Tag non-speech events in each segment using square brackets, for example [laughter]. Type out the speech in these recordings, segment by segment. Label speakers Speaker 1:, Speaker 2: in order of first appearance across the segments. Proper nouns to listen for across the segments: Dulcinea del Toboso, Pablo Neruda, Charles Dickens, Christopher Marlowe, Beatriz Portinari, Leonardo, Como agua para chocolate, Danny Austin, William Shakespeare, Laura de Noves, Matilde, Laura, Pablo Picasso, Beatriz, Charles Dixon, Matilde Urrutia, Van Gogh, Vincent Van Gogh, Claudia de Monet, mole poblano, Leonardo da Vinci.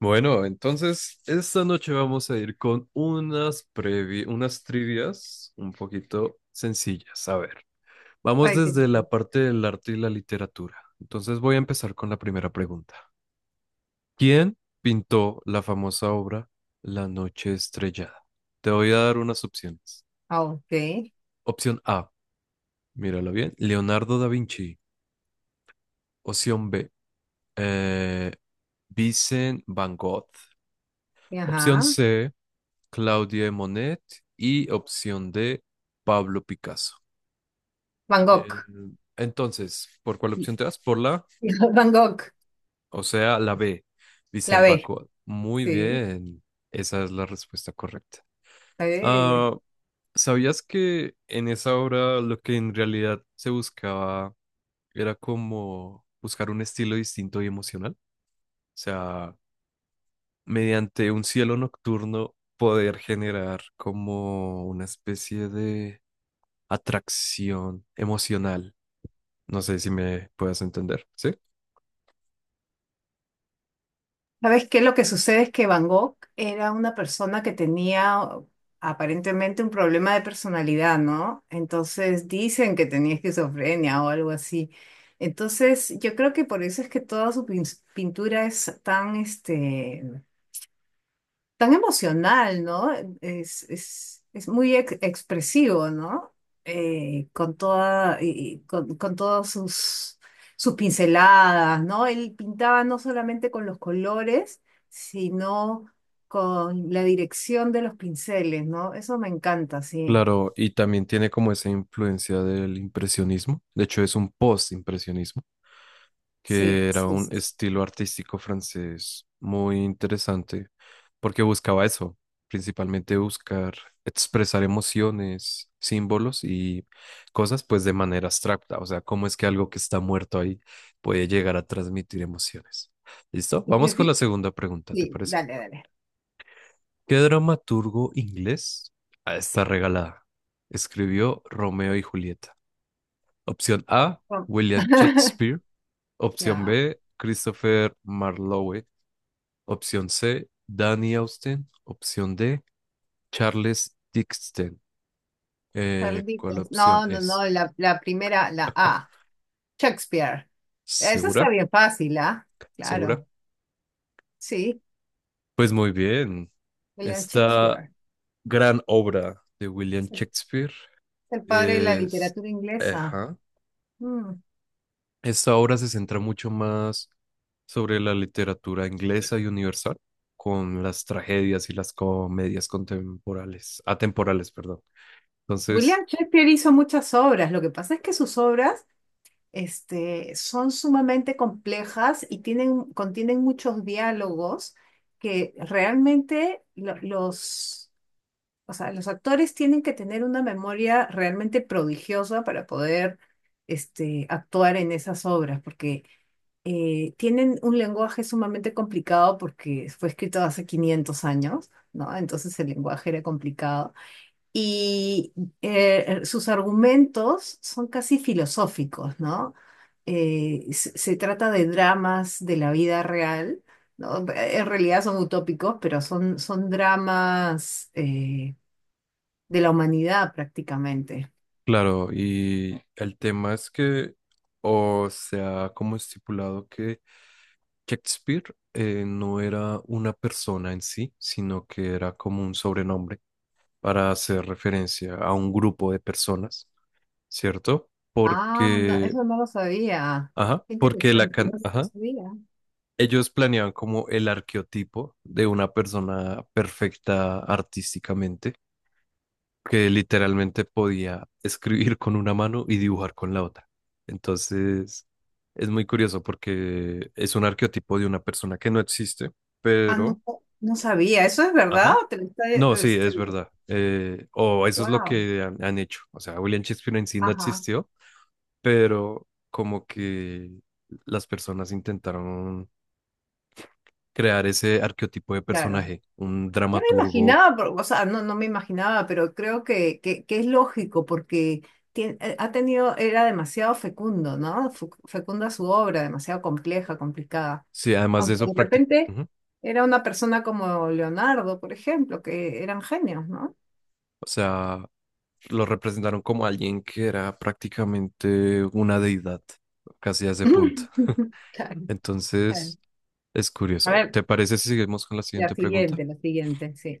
Speaker 1: Bueno, entonces esta noche vamos a ir con unas trivias un poquito sencillas. A ver, vamos
Speaker 2: Ay, qué.
Speaker 1: desde la parte del arte y la literatura. Entonces voy a empezar con la primera pregunta. ¿Quién pintó la famosa obra La Noche Estrellada? Te voy a dar unas opciones.
Speaker 2: Ah, ok,
Speaker 1: Opción A, mírala bien, Leonardo da Vinci. Opción B, eh, Vincent Van Gogh. Opción
Speaker 2: ajá.
Speaker 1: C, Claudia de Monet y opción D, Pablo Picasso.
Speaker 2: Van
Speaker 1: Eh,
Speaker 2: Gogh.
Speaker 1: entonces, ¿por cuál opción te das? Por la,
Speaker 2: Van Gogh,
Speaker 1: o sea, la B,
Speaker 2: [laughs] la
Speaker 1: Vicente Van
Speaker 2: B,
Speaker 1: Gogh. Muy
Speaker 2: sí.
Speaker 1: bien, esa es la respuesta correcta.
Speaker 2: la
Speaker 1: Ah, ¿sabías que en esa obra lo que en realidad se buscaba era como buscar un estilo distinto y emocional? O sea, mediante un cielo nocturno poder generar como una especie de atracción emocional. No sé si me puedas entender, ¿sí?
Speaker 2: ¿Sabes qué? Lo que sucede es que Van Gogh era una persona que tenía aparentemente un problema de personalidad, ¿no? Entonces dicen que tenía esquizofrenia o algo así. Entonces yo creo que por eso es que toda su pintura es tan emocional, ¿no? Es muy expresivo, ¿no? Eh, con toda, y- y con todas sus pinceladas, ¿no? Él pintaba no solamente con los colores, sino con la dirección de los pinceles, ¿no? Eso me encanta, sí,
Speaker 1: Claro, y también tiene como esa influencia del impresionismo. De hecho, es un post-impresionismo,
Speaker 2: sí,
Speaker 1: que era
Speaker 2: sí,
Speaker 1: un
Speaker 2: sí.
Speaker 1: estilo artístico francés muy interesante, porque buscaba eso, principalmente buscar expresar emociones, símbolos y cosas pues de manera abstracta, o sea, cómo es que algo que está muerto ahí puede llegar a transmitir emociones. ¿Listo?
Speaker 2: Sí,
Speaker 1: Vamos con la segunda pregunta, ¿te
Speaker 2: Sí,
Speaker 1: parece?
Speaker 2: dale, dale.
Speaker 1: ¿Qué dramaturgo inglés a esta regalada escribió Romeo y Julieta? Opción A,
Speaker 2: Vamos.
Speaker 1: William
Speaker 2: [laughs]
Speaker 1: Shakespeare. Opción
Speaker 2: Ya.
Speaker 1: B, Christopher Marlowe. Opción C, Danny Austin. Opción D, Charles Dixon.
Speaker 2: Charles
Speaker 1: ¿Cuál
Speaker 2: Dickens.
Speaker 1: opción
Speaker 2: No, no,
Speaker 1: es?
Speaker 2: no, la primera, la A. Shakespeare. Eso está
Speaker 1: ¿Segura?
Speaker 2: bien fácil, ¿ah?
Speaker 1: ¿Segura?
Speaker 2: Claro, sí,
Speaker 1: Pues muy bien.
Speaker 2: William
Speaker 1: Esta
Speaker 2: Shakespeare.
Speaker 1: gran obra de William
Speaker 2: Es El
Speaker 1: Shakespeare
Speaker 2: el padre de la
Speaker 1: es...
Speaker 2: literatura inglesa.
Speaker 1: Ajá.
Speaker 2: Mm.
Speaker 1: Esta obra se centra mucho más sobre la literatura inglesa y universal, con las tragedias y las comedias contemporales, atemporales, perdón. Entonces...
Speaker 2: William Shakespeare hizo muchas obras. Lo que pasa es que sus obras, este, son sumamente complejas y tienen, contienen muchos diálogos que realmente los, o sea, los actores tienen que tener una memoria realmente prodigiosa para poder, este, actuar en esas obras, porque tienen un lenguaje sumamente complicado porque fue escrito hace 500 años, ¿no? Entonces el lenguaje era complicado. Y Sus argumentos son casi filosóficos, ¿no? Se trata de dramas de la vida real, ¿no? En realidad son utópicos, pero son dramas de la humanidad prácticamente.
Speaker 1: Claro, y el tema es que, o sea, como estipulado que Shakespeare no era una persona en sí, sino que era como un sobrenombre para hacer referencia a un grupo de personas, ¿cierto?
Speaker 2: Ah, no,
Speaker 1: Porque,
Speaker 2: eso no lo sabía.
Speaker 1: ajá,
Speaker 2: Qué
Speaker 1: porque
Speaker 2: interesante, no no lo
Speaker 1: ajá,
Speaker 2: sabía.
Speaker 1: ellos planeaban como el arqueotipo de una persona perfecta artísticamente que literalmente podía escribir con una mano y dibujar con la otra. Entonces, es muy curioso porque es un arquetipo de una persona que no existe,
Speaker 2: Ah,
Speaker 1: pero,
Speaker 2: no, no sabía, ¿eso es verdad?
Speaker 1: ajá,
Speaker 2: ¿Te lo está-
Speaker 1: no, sí,
Speaker 2: este,
Speaker 1: es verdad. O eso es lo
Speaker 2: Wow,
Speaker 1: que han hecho. O sea, William Shakespeare en sí no
Speaker 2: ajá,
Speaker 1: existió, pero como que las personas intentaron crear ese arquetipo de
Speaker 2: claro.
Speaker 1: personaje, un
Speaker 2: Ya me
Speaker 1: dramaturgo.
Speaker 2: imaginaba, pero, o sea, no, no me imaginaba, pero creo que es lógico porque ha tenido, era demasiado fecundo, ¿no? Fecunda su obra, demasiado compleja, complicada.
Speaker 1: Sí, además de
Speaker 2: Aunque
Speaker 1: eso,
Speaker 2: de
Speaker 1: práctico.
Speaker 2: repente era una persona como Leonardo, por ejemplo, que eran genios, ¿no?
Speaker 1: O sea, lo representaron como alguien que era prácticamente una deidad, casi a ese punto.
Speaker 2: [laughs] Claro, claro.
Speaker 1: Entonces, es
Speaker 2: A
Speaker 1: curioso.
Speaker 2: ver,
Speaker 1: ¿Te parece si seguimos con la siguiente pregunta?
Speaker 2: la siguiente, sí.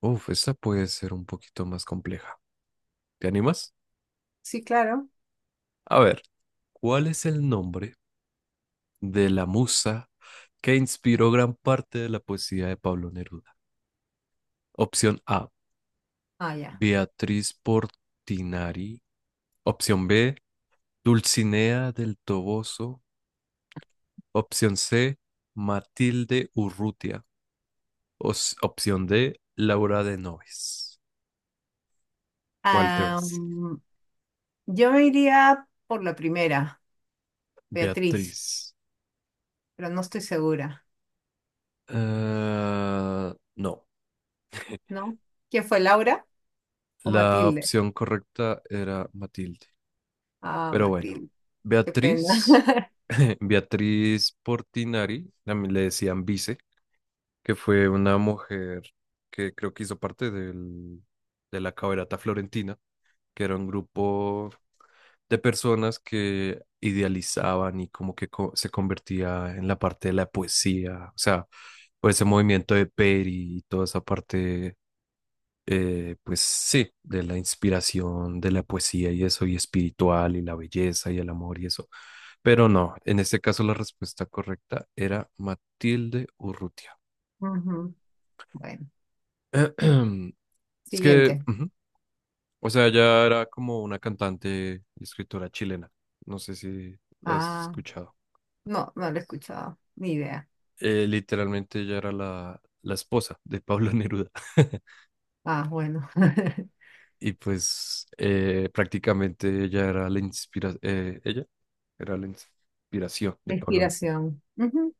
Speaker 1: Uf, esta puede ser un poquito más compleja. ¿Te animas?
Speaker 2: Sí, claro.
Speaker 1: A ver, ¿cuál es el nombre de la musa que inspiró gran parte de la poesía de Pablo Neruda? Opción A,
Speaker 2: Ah, ya.
Speaker 1: Beatriz Portinari. Opción B, Dulcinea del Toboso. Opción C, Matilde Urrutia. Opción D, Laura de Noves. ¿Cuál te vas?
Speaker 2: Am, yo me iría por la primera, Beatriz,
Speaker 1: Beatriz.
Speaker 2: pero no estoy segura,
Speaker 1: Ah, no,
Speaker 2: ¿no? ¿Quién fue, Laura o
Speaker 1: la
Speaker 2: Matilde?
Speaker 1: opción correcta era Matilde.
Speaker 2: Ah,
Speaker 1: Pero bueno,
Speaker 2: Matilde, qué pena.
Speaker 1: Beatriz, [laughs] Beatriz Portinari, también le decían Vice, que fue una mujer que creo que hizo parte del, de la caberata florentina, que era un grupo de personas que idealizaban y como que se convertía en la parte de la poesía, o sea, por ese movimiento de Peri y toda esa parte, pues sí, de la inspiración, de la poesía y eso, y espiritual, y la belleza y el amor y eso. Pero no, en este caso la respuesta correcta era Matilde Urrutia.
Speaker 2: [laughs] Ujú. Bueno,
Speaker 1: [clears throat] Es que
Speaker 2: siguiente.
Speaker 1: ujú. O sea, ella era como una cantante y escritora chilena. No sé si la has
Speaker 2: Ah,
Speaker 1: escuchado.
Speaker 2: no, no lo he escuchado, ni idea.
Speaker 1: Literalmente ella era la esposa de Pablo Neruda. [laughs]
Speaker 2: Ah, bueno. [laughs]
Speaker 1: Y pues prácticamente ella era la inspira ella era la inspiración
Speaker 2: La
Speaker 1: de Pablo Neruda.
Speaker 2: inspiración. Ujú.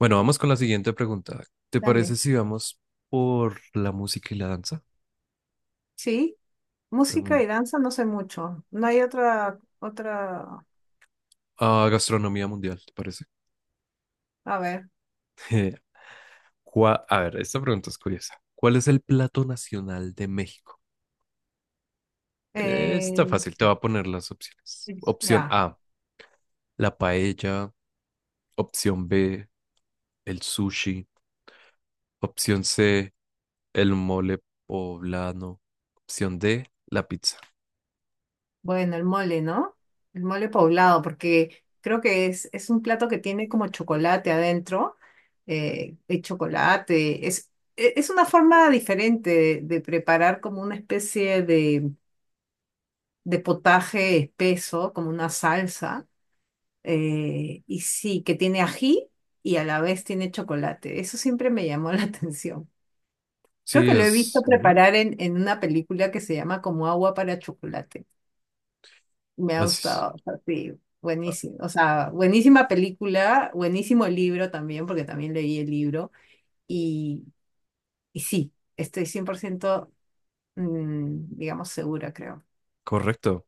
Speaker 1: Bueno, vamos con la siguiente pregunta. ¿Te
Speaker 2: Dale.
Speaker 1: parece si vamos por la música y la danza?
Speaker 2: Sí, música
Speaker 1: Mm,
Speaker 2: y danza no sé mucho. No hay
Speaker 1: a gastronomía mundial, ¿te parece? [laughs]
Speaker 2: a ver.
Speaker 1: Eh, a ver, esta pregunta es curiosa. ¿Cuál es el plato nacional de México?
Speaker 2: eh,
Speaker 1: Está fácil, te voy a poner las opciones. Opción
Speaker 2: ya.
Speaker 1: A, la paella. Opción B, el sushi. Opción C, el mole poblano. Opción D, la pizza.
Speaker 2: Bueno, el mole, ¿no? El mole poblado, porque creo que es un plato que tiene como chocolate adentro, el chocolate. Es una forma diferente de preparar como una especie de potaje espeso, como una salsa, y sí, que tiene ají y a la vez tiene chocolate. Eso siempre me llamó la [laughs] atención. Creo
Speaker 1: Sí,
Speaker 2: que lo he visto
Speaker 1: es... ujú.
Speaker 2: preparar en una película que se llama como agua para chocolate. Me ha
Speaker 1: Así es.
Speaker 2: gustado, o sea, sí,
Speaker 1: Ah,
Speaker 2: buenísimo. O sea, buenísima película, buenísimo libro también, porque también leí el libro. Y, y sí, estoy 100%, mm, digamos, segura, creo.
Speaker 1: correcto.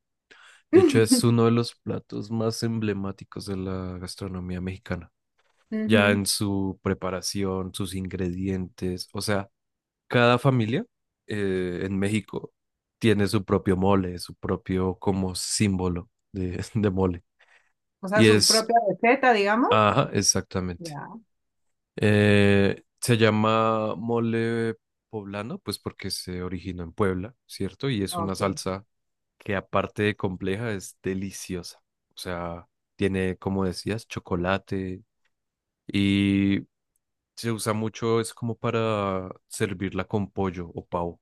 Speaker 1: De hecho, es uno
Speaker 2: [laughs]
Speaker 1: de los platos más emblemáticos de la gastronomía mexicana. Ya
Speaker 2: Ujú.
Speaker 1: en su preparación, sus ingredientes, o sea, cada familia en México tiene su propio mole, su propio como símbolo de, [laughs] de mole.
Speaker 2: O sea,
Speaker 1: Y
Speaker 2: su
Speaker 1: es,
Speaker 2: propia receta, digamos.
Speaker 1: ajá, exactamente.
Speaker 2: Ya,
Speaker 1: Se llama mole poblano, pues porque se originó en Puebla, ¿cierto? Y es una
Speaker 2: ok.
Speaker 1: salsa que aparte de compleja es deliciosa. O sea, tiene, como decías, chocolate y se usa mucho, es como para servirla con pollo o pavo,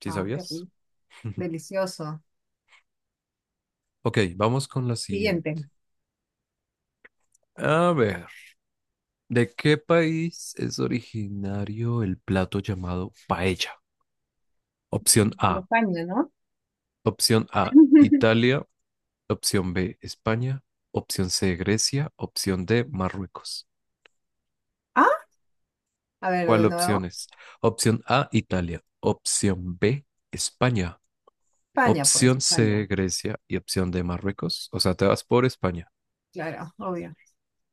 Speaker 1: ¿sí
Speaker 2: Ah, qué
Speaker 1: sabías?
Speaker 2: rico.
Speaker 1: [laughs]
Speaker 2: Delicioso.
Speaker 1: Ok, vamos con la
Speaker 2: Siguiente.
Speaker 1: siguiente. A ver, ¿de qué país es originario el plato llamado paella? Opción A,
Speaker 2: De España, ¿no?
Speaker 1: opción A,
Speaker 2: [laughs]
Speaker 1: Italia, opción B, España, opción C, Grecia, opción D, Marruecos.
Speaker 2: Ah, a ver,
Speaker 1: ¿Cuál
Speaker 2: de
Speaker 1: opción
Speaker 2: nuevo.
Speaker 1: es? Opción A, Italia, opción B, España,
Speaker 2: España, pues,
Speaker 1: opción C,
Speaker 2: España.
Speaker 1: Grecia y opción D, Marruecos. O sea, te vas por España.
Speaker 2: Claro, obvio.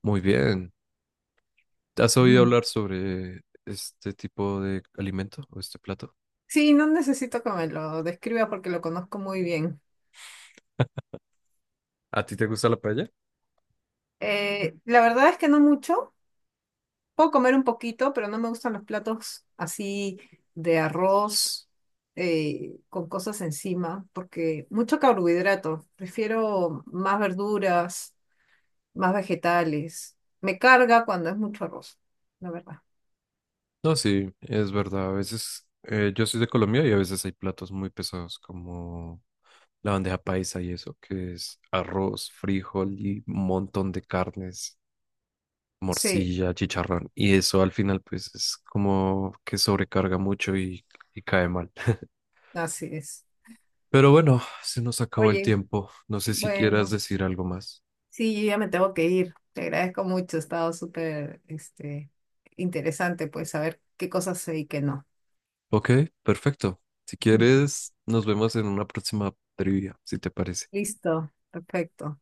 Speaker 1: Muy bien. ¿Has oído
Speaker 2: Ujú.
Speaker 1: hablar sobre este tipo de alimento o este plato?
Speaker 2: Sí, no necesito que me lo describa porque lo conozco muy bien.
Speaker 1: ¿A ti te gusta la paella?
Speaker 2: La verdad es que no mucho. Puedo comer un poquito, pero no me gustan los platos así de arroz con cosas encima, porque mucho carbohidrato. Prefiero más verduras, más vegetales. Me carga cuando es mucho arroz, la verdad.
Speaker 1: No, sí, es verdad. A veces yo soy de Colombia y a veces hay platos muy pesados como la bandeja paisa y eso, que es arroz, frijol y un montón de carnes,
Speaker 2: Sí,
Speaker 1: morcilla, chicharrón. Y eso al final pues es como que sobrecarga mucho y cae mal.
Speaker 2: así es.
Speaker 1: Pero bueno, se nos acabó el
Speaker 2: Oye,
Speaker 1: tiempo. No sé si quieras
Speaker 2: bueno,
Speaker 1: decir algo más.
Speaker 2: sí, yo ya me tengo que ir. Te agradezco mucho, ha estado súper este, interesante, pues, saber qué cosas sé y qué no.
Speaker 1: Ok, perfecto. Si
Speaker 2: [laughs]
Speaker 1: quieres, nos vemos en una próxima trivia, si te parece.
Speaker 2: Listo, perfecto.